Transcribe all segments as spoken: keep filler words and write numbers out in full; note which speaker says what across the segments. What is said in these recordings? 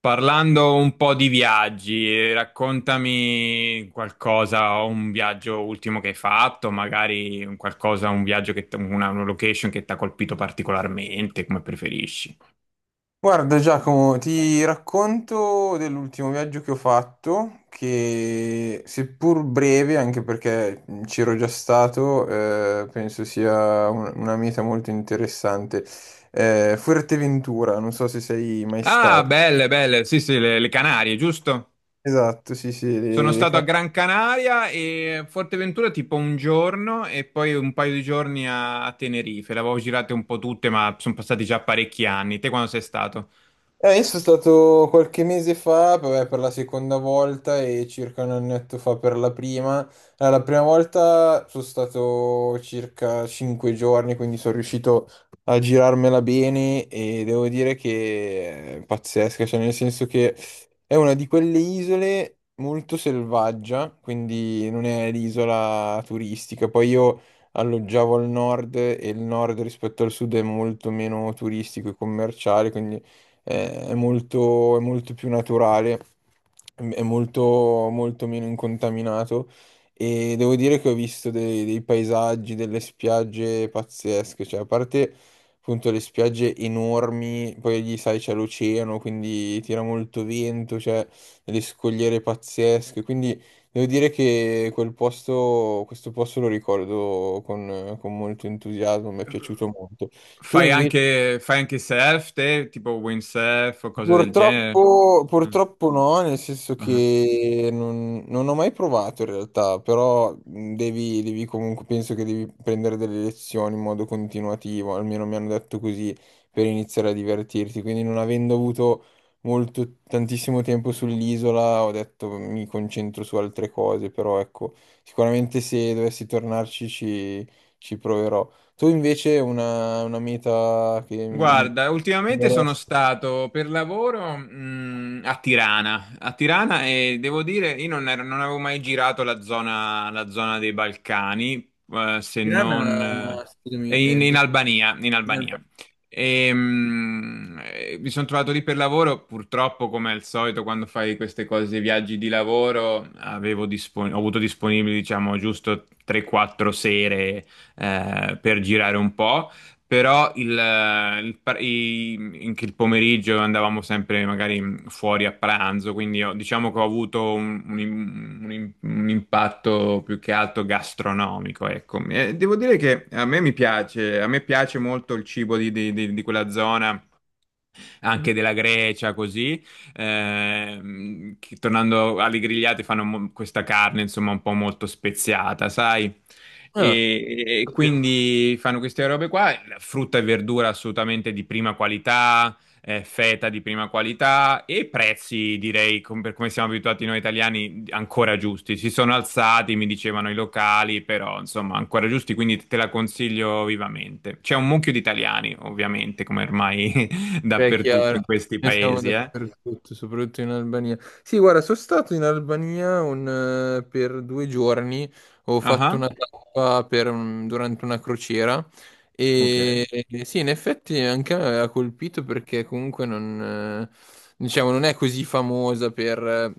Speaker 1: Parlando un po' di viaggi, eh, raccontami qualcosa, un viaggio ultimo che hai fatto, magari un qualcosa, un viaggio che t- una, una location che ti ha colpito particolarmente, come preferisci.
Speaker 2: Guarda Giacomo, ti racconto dell'ultimo viaggio che ho fatto, che seppur breve, anche perché ci ero già stato, eh, penso sia un- una meta molto interessante. Eh, Fuerteventura, non so se sei mai
Speaker 1: Ah,
Speaker 2: stato.
Speaker 1: belle, belle, sì, sì, le, le Canarie, giusto?
Speaker 2: Esatto, sì, sì,
Speaker 1: Sono
Speaker 2: le, le
Speaker 1: stato a
Speaker 2: Canarie.
Speaker 1: Gran Canaria e a Forteventura tipo un giorno e poi un paio di giorni a, a Tenerife. Le avevo girate un po' tutte, ma sono passati già parecchi anni. Te quando sei stato?
Speaker 2: Eh, io sono stato qualche mese fa, vabbè, per la seconda volta e circa un annetto fa per la prima. Allora, la prima volta sono stato circa cinque giorni, quindi sono riuscito a girarmela bene e devo dire che è pazzesca, cioè nel senso che è una di quelle isole molto selvaggia, quindi non è l'isola turistica. Poi io alloggiavo al nord e il nord rispetto al sud è molto meno turistico e commerciale, quindi eh, è molto, è molto più naturale, è molto, molto meno incontaminato e devo dire che ho visto dei, dei paesaggi, delle spiagge pazzesche, cioè a parte appunto le spiagge enormi, poi lì sai c'è l'oceano, quindi tira molto vento, c'è delle scogliere pazzesche, quindi devo dire che quel posto, questo posto lo ricordo con, con molto entusiasmo, mi è piaciuto molto. Tu
Speaker 1: Fai
Speaker 2: invece
Speaker 1: anche, fai anche surf te, tipo windsurf o cose del genere?
Speaker 2: purtroppo,
Speaker 1: Ah,
Speaker 2: purtroppo no, nel senso
Speaker 1: ah.
Speaker 2: che non, non ho mai provato in realtà, però mh, devi, devi comunque, penso che devi prendere delle lezioni in modo continuativo, almeno mi hanno detto così, per iniziare a divertirti. Quindi non avendo avuto molto, tantissimo tempo sull'isola, ho detto mi concentro su altre cose, però ecco, sicuramente se dovessi tornarci ci, ci proverò. Tu invece una, una meta che mi...
Speaker 1: Guarda, ultimamente sono stato per lavoro, mh, a Tirana, a Tirana e devo dire, io non, ero- non avevo mai girato la zona, la zona dei Balcani, eh, se
Speaker 2: Tirana,
Speaker 1: non
Speaker 2: scusami,
Speaker 1: eh,
Speaker 2: è
Speaker 1: in, in
Speaker 2: dove?
Speaker 1: Albania, in
Speaker 2: Ok.
Speaker 1: Albania. E, mh, eh, mi sono trovato lì per lavoro, purtroppo come al solito quando fai queste cose, viaggi di lavoro, avevo dispon- ho avuto disponibili diciamo giusto tre quattro sere eh, per girare un po'. Però il, eh, il par- i- in che il pomeriggio andavamo sempre magari fuori a pranzo, quindi ho- diciamo che ho avuto un, un- un- un impatto più che altro gastronomico, ecco. E devo dire che a me mi piace, a me piace molto il cibo di di- di- di quella zona
Speaker 2: Mhm.
Speaker 1: anche della Grecia, così. Ehm, che, tornando alle grigliate, fanno mo- questa carne, insomma, un po' molto speziata, sai?
Speaker 2: Ah,
Speaker 1: E, e
Speaker 2: sapevo.
Speaker 1: quindi fanno queste robe qua, frutta e verdura assolutamente di prima qualità, eh, feta di prima qualità e prezzi, direi, com- per come siamo abituati noi italiani, ancora giusti. Si sono alzati, mi dicevano i locali, però insomma, ancora giusti, quindi te la consiglio vivamente. C'è un mucchio di italiani, ovviamente, come ormai
Speaker 2: Beh, è
Speaker 1: dappertutto
Speaker 2: chiaro,
Speaker 1: in questi
Speaker 2: noi siamo
Speaker 1: paesi, eh.
Speaker 2: dappertutto, soprattutto in Albania. Sì, guarda, sono stato in Albania un, eh, per due giorni, ho fatto
Speaker 1: Ah,
Speaker 2: una tappa per un- durante una crociera
Speaker 1: ok.
Speaker 2: e e sì, in effetti anche a me ha colpito perché comunque non, eh, diciamo, non è così famosa per eh,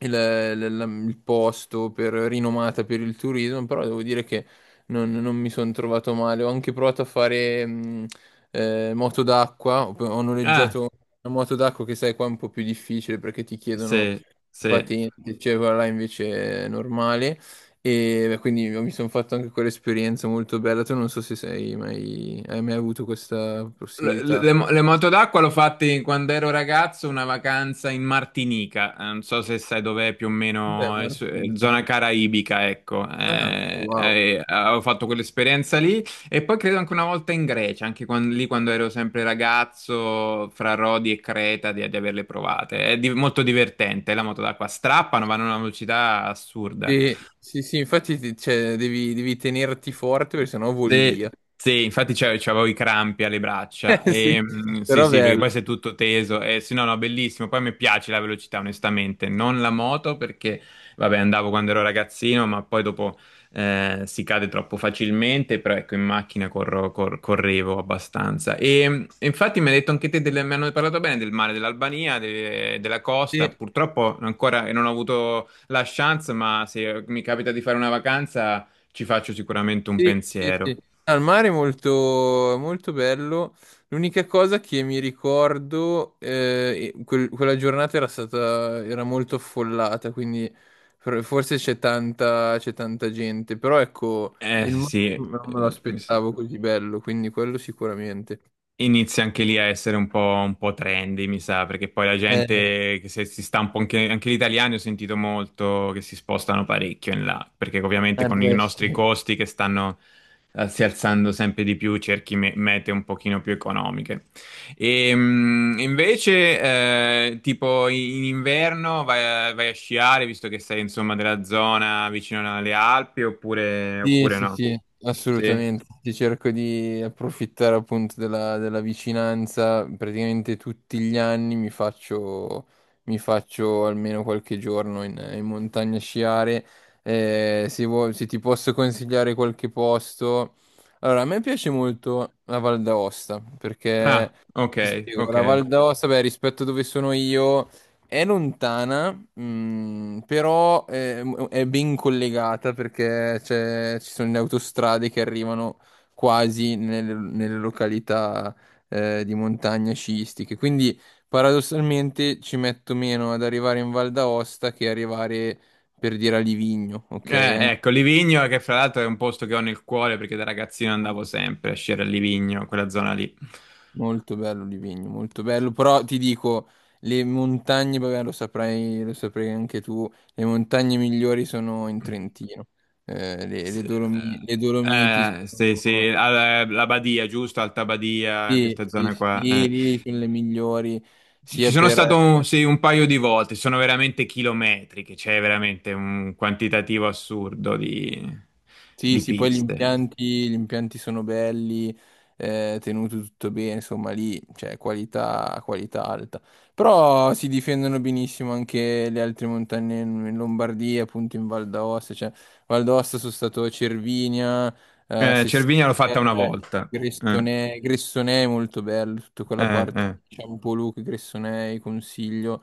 Speaker 2: il, il- il posto, per rinomata per il turismo, però devo dire che non, non mi sono trovato male. Ho anche provato a fare... mm, eh, moto d'acqua, ho, ho
Speaker 1: Ah,
Speaker 2: noleggiato una moto d'acqua che sai qua è un po' più difficile perché ti chiedono
Speaker 1: sì, sì.
Speaker 2: patente, cioè quella là invece è normale e beh, quindi mi sono fatto anche quell'esperienza molto bella, tu non so se sei mai, hai mai avuto questa
Speaker 1: Le,
Speaker 2: possibilità.
Speaker 1: le- le moto d'acqua l'ho fatte quando ero ragazzo, una vacanza in Martinica. Eh, Non so se sai dov'è più o
Speaker 2: Beh,
Speaker 1: meno, eh, su- eh,
Speaker 2: Martinica.
Speaker 1: zona caraibica, ecco.
Speaker 2: Ah,
Speaker 1: Eh,
Speaker 2: wow.
Speaker 1: eh, avevo fatto quell'esperienza lì e poi credo anche una volta in Grecia, anche quan- lì quando ero sempre ragazzo, fra Rodi e Creta, di, di averle provate. È di- molto divertente, la moto d'acqua strappano, vanno a una velocità assurda.
Speaker 2: Sì, sì, sì, infatti ti- cioè, devi, devi tenerti forte perché sennò voli
Speaker 1: Se-
Speaker 2: via.
Speaker 1: sì, infatti c'avevo c'avevo i crampi alle braccia.
Speaker 2: Eh, Sì,
Speaker 1: E, mm, sì,
Speaker 2: però
Speaker 1: sì, perché poi
Speaker 2: bello.
Speaker 1: sei tutto teso. E, sì, no, no, bellissimo. Poi mi piace la velocità, onestamente. Non la moto perché, vabbè, andavo quando ero ragazzino, ma poi dopo eh, si cade troppo facilmente. Però ecco, in macchina corro- cor- correvo abbastanza. E mm, infatti mi hai detto anche te, del- mi hanno parlato bene del mare dell'Albania, de- della costa.
Speaker 2: Sì,
Speaker 1: Purtroppo ancora non ho avuto la chance, ma se mi capita di fare una vacanza ci faccio sicuramente un
Speaker 2: sì, sì,
Speaker 1: pensiero.
Speaker 2: sì. Al mare è molto, è molto bello. L'unica cosa che mi ricordo, eh, e quel- quella giornata era stata, era molto affollata, quindi for- forse c'è tanta, c'è tanta gente. Però ecco,
Speaker 1: Eh
Speaker 2: il mare
Speaker 1: sì, eh,
Speaker 2: non me lo
Speaker 1: mi s-
Speaker 2: aspettavo così bello, quindi quello sicuramente.
Speaker 1: inizia anche lì a essere un po', un po' trendy, mi sa, perché poi la
Speaker 2: Eh,
Speaker 1: gente che se- si sta un po' anche, anche gli italiani ho sentito molto che si spostano parecchio in là, perché ovviamente
Speaker 2: eh
Speaker 1: con i
Speaker 2: beh,
Speaker 1: nostri
Speaker 2: sì.
Speaker 1: costi che stanno eh, si alzando sempre di più, cerchi me- mete un pochino più economiche. E, mh, invece, eh, tipo in inverno vai a, vai a sciare, visto che sei insomma della zona vicino alle Alpi, oppure,
Speaker 2: Sì,
Speaker 1: oppure
Speaker 2: sì,
Speaker 1: no?
Speaker 2: sì,
Speaker 1: Sì?
Speaker 2: assolutamente. Ti cerco di approfittare appunto della, della vicinanza. Praticamente tutti gli anni mi faccio, mi faccio almeno qualche giorno in, in montagna a sciare. Eh, se, vuoi- se ti posso consigliare qualche posto. Allora, a me piace molto la Val d'Aosta perché
Speaker 1: Ah, ok,
Speaker 2: ti spiego,
Speaker 1: ok.
Speaker 2: la Val d'Aosta, beh, rispetto a dove sono io. È lontana, mm, però è, è ben collegata perché c'è- ci sono le autostrade che arrivano quasi nelle, nelle località eh, di montagna sciistiche. Quindi paradossalmente ci metto meno ad arrivare in Val d'Aosta che arrivare per dire a Livigno, ok?
Speaker 1: Eh,
Speaker 2: Anche
Speaker 1: ecco, Livigno, che fra l'altro è un posto che ho nel cuore perché da ragazzino andavo sempre a sciare a Livigno, quella zona lì.
Speaker 2: molto bello Livigno, molto bello, però ti dico, le montagne, vabbè, lo saprai, lo saprai anche tu, le montagne migliori sono in Trentino. Eh, le,
Speaker 1: S-
Speaker 2: le Dolomi- le Dolomiti
Speaker 1: Eh, sì,
Speaker 2: sono,
Speaker 1: sì, alla- la Badia, giusto? Alta Badia, questa
Speaker 2: sì, sì,
Speaker 1: zona
Speaker 2: sì,
Speaker 1: qua, eh.
Speaker 2: lì, lì sono le migliori,
Speaker 1: Ci ci
Speaker 2: sia
Speaker 1: sono
Speaker 2: per,
Speaker 1: stato, un, sì, un paio di volte, sono veramente chilometriche, c'è veramente un quantitativo assurdo di,
Speaker 2: sì,
Speaker 1: di
Speaker 2: sì, poi gli
Speaker 1: piste.
Speaker 2: impianti, gli impianti sono belli, eh, tenuto tutto bene, insomma lì c'è qualità, qualità alta. Però si difendono benissimo anche le altre montagne in, in Lombardia, appunto in Val d'Aosta, cioè Val d'Aosta sono stato a Cervinia, eh,
Speaker 1: Eh,
Speaker 2: Sestina,
Speaker 1: Cervinia l'ho fatta una volta. Eh,
Speaker 2: Gressonei, Gressonei è molto bello, tutta quella
Speaker 1: eh,
Speaker 2: parte,
Speaker 1: eh.
Speaker 2: diciamo Poluca, Gressonei, Consiglio.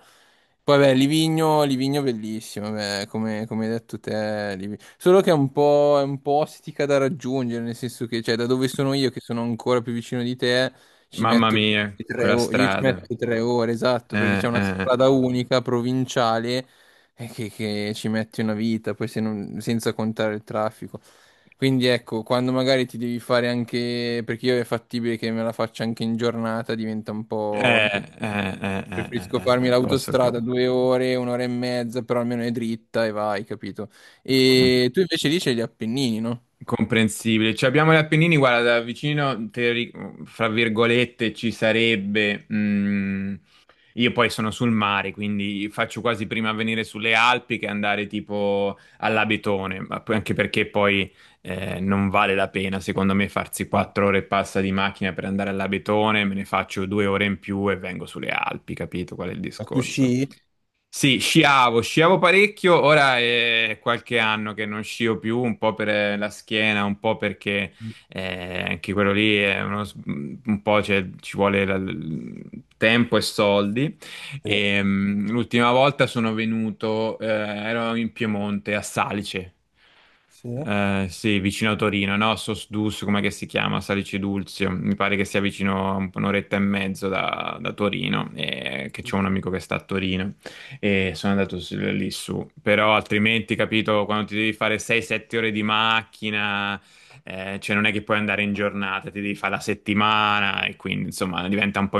Speaker 2: Poi beh, Livigno, Livigno bellissimo, beh, come, come hai detto te, Livi- solo che è un po', è un po' ostica da raggiungere, nel senso che, cioè, da dove sono io, che sono ancora più vicino di te, ci
Speaker 1: Mamma
Speaker 2: metto
Speaker 1: mia,
Speaker 2: tre
Speaker 1: quella
Speaker 2: ore, io ci
Speaker 1: strada.
Speaker 2: metto tre ore, esatto, perché
Speaker 1: Eh,
Speaker 2: c'è una
Speaker 1: eh.
Speaker 2: strada unica, provinciale, eh, che, che ci metti una vita, poi se non- senza contare il traffico. Quindi ecco, quando magari ti devi fare anche, perché io è fattibile che me la faccia anche in giornata, diventa un po'
Speaker 1: Eh,
Speaker 2: impegnativo.
Speaker 1: eh, eh, eh,
Speaker 2: Preferisco
Speaker 1: eh,
Speaker 2: farmi
Speaker 1: eh, posso cap-
Speaker 2: l'autostrada due ore, un'ora e mezza, però almeno è dritta e vai, capito?
Speaker 1: com-
Speaker 2: E tu invece lì c'hai gli Appennini, no?
Speaker 1: comprensibile. Cioè, abbiamo gli Appennini, guarda, da vicino, teori- fra virgolette, ci sarebbe. mm, io poi sono sul mare, quindi faccio quasi prima a venire sulle Alpi che andare tipo all'Abetone, ma poi- anche perché poi eh, non vale la pena, secondo me, farsi quattro ore e passa di macchina per andare all'Abetone, me ne faccio due ore in più e vengo sulle Alpi, capito qual è il discorso?
Speaker 2: Sì,
Speaker 1: Sì, sciavo, sciavo parecchio, ora è qualche anno che non scio più, un po' per eh, la schiena, un po' perché eh, anche quello lì è uno, s- mm, un po' cioè, ci vuole la- l- tempo e soldi. E, mm, l'ultima volta sono venuto, eh, ero in Piemonte, a Salice,
Speaker 2: sì,
Speaker 1: eh, sì, vicino a Torino, no? Sosdus, come che si chiama? Salice Dulzio. Mi pare che sia vicino a un'oretta e mezzo da, da Torino, e che c'è un amico che sta a Torino e sono andato s- lì su. Però altrimenti, capito, quando ti devi fare sei sette ore di macchina, eh, cioè non è che puoi andare in giornata, ti devi fare la settimana e quindi insomma diventa un po'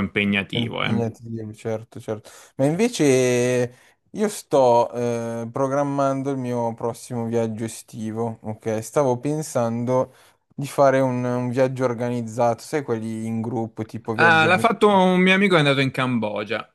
Speaker 2: è
Speaker 1: impegnativo, eh.
Speaker 2: impegnativo, certo, certo. Ma invece io sto eh, programmando il mio prossimo viaggio estivo, ok? Stavo pensando di fare un, un viaggio organizzato, sai, quelli in gruppo, tipo
Speaker 1: Ah,
Speaker 2: viaggio
Speaker 1: l'ha
Speaker 2: avven-
Speaker 1: fatto un mio amico che è andato in Cambogia.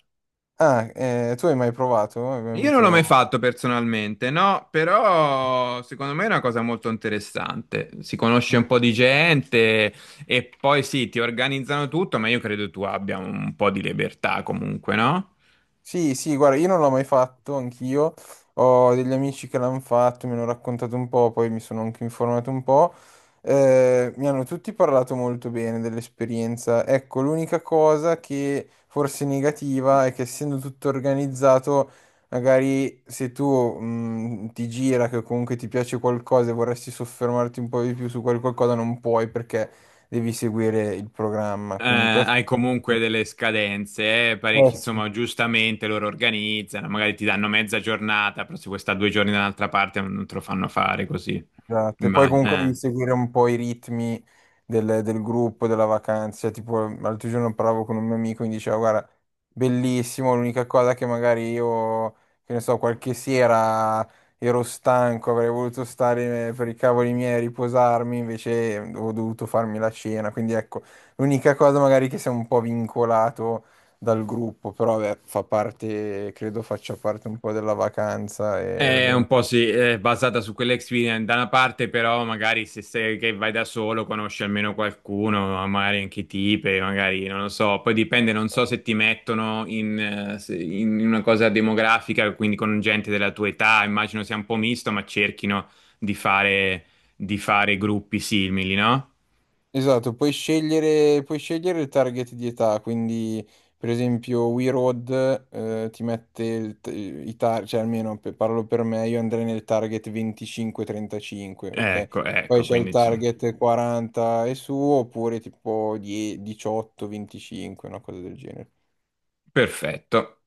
Speaker 2: ah, eh, tu hai mai provato? Hai mai
Speaker 1: Io non l'ho mai
Speaker 2: avuto...
Speaker 1: fatto personalmente, no, però secondo me è una cosa molto interessante. Si conosce un po' di gente e poi sì, ti organizzano tutto, ma io credo tu abbia un po' di libertà comunque, no?
Speaker 2: Sì, sì, guarda, io non l'ho mai fatto, anch'io. Ho degli amici che l'hanno fatto, mi hanno raccontato un po', poi mi sono anche informato un po'. Eh, mi hanno tutti parlato molto bene dell'esperienza. Ecco, l'unica cosa che forse è negativa è che essendo tutto organizzato, magari se tu mh, ti gira che comunque ti piace qualcosa e vorresti soffermarti un po' di più su quel qualcosa, non puoi perché devi seguire il programma.
Speaker 1: Eh,
Speaker 2: Quindi questo...
Speaker 1: hai comunque delle scadenze, eh,
Speaker 2: Eh
Speaker 1: parecchi,
Speaker 2: sì.
Speaker 1: insomma, giustamente loro organizzano, magari ti danno mezza giornata, però se vuoi stare due giorni da un'altra parte non te lo fanno fare così.
Speaker 2: Esatto, e poi
Speaker 1: Ma,
Speaker 2: comunque devi seguire un po' i ritmi del, del gruppo, della vacanza. Tipo, l'altro giorno parlavo con un mio amico e mi diceva, guarda, bellissimo, l'unica cosa che magari io, che ne so, qualche sera ero stanco, avrei voluto stare per i cavoli miei a riposarmi, invece ho dovuto farmi la cena. Quindi ecco, l'unica cosa magari che sei un po' vincolato dal gruppo, però beh, fa parte, credo faccia parte un po' della vacanza e lo
Speaker 1: È
Speaker 2: devi...
Speaker 1: un po' sì, è basata su quell'experience da una parte, però magari se sei che vai da solo conosci almeno qualcuno, magari anche tipe, magari non lo so, poi dipende, non so se ti mettono in, eh, se- in una cosa demografica, quindi con gente della tua età, immagino sia un po' misto, ma cerchino di fare, di fare gruppi simili, no?
Speaker 2: Esatto, puoi scegliere, puoi scegliere il target di età, quindi per esempio We Road eh, ti mette il t- i target, cioè almeno pe- parlo per me, io andrei nel target venticinque trentacinque, ok?
Speaker 1: Ecco,
Speaker 2: Poi
Speaker 1: ecco,
Speaker 2: c'è il
Speaker 1: quindi insomma,
Speaker 2: target quaranta e su, oppure tipo die- diciotto venticinque, una cosa del genere.
Speaker 1: perfetto.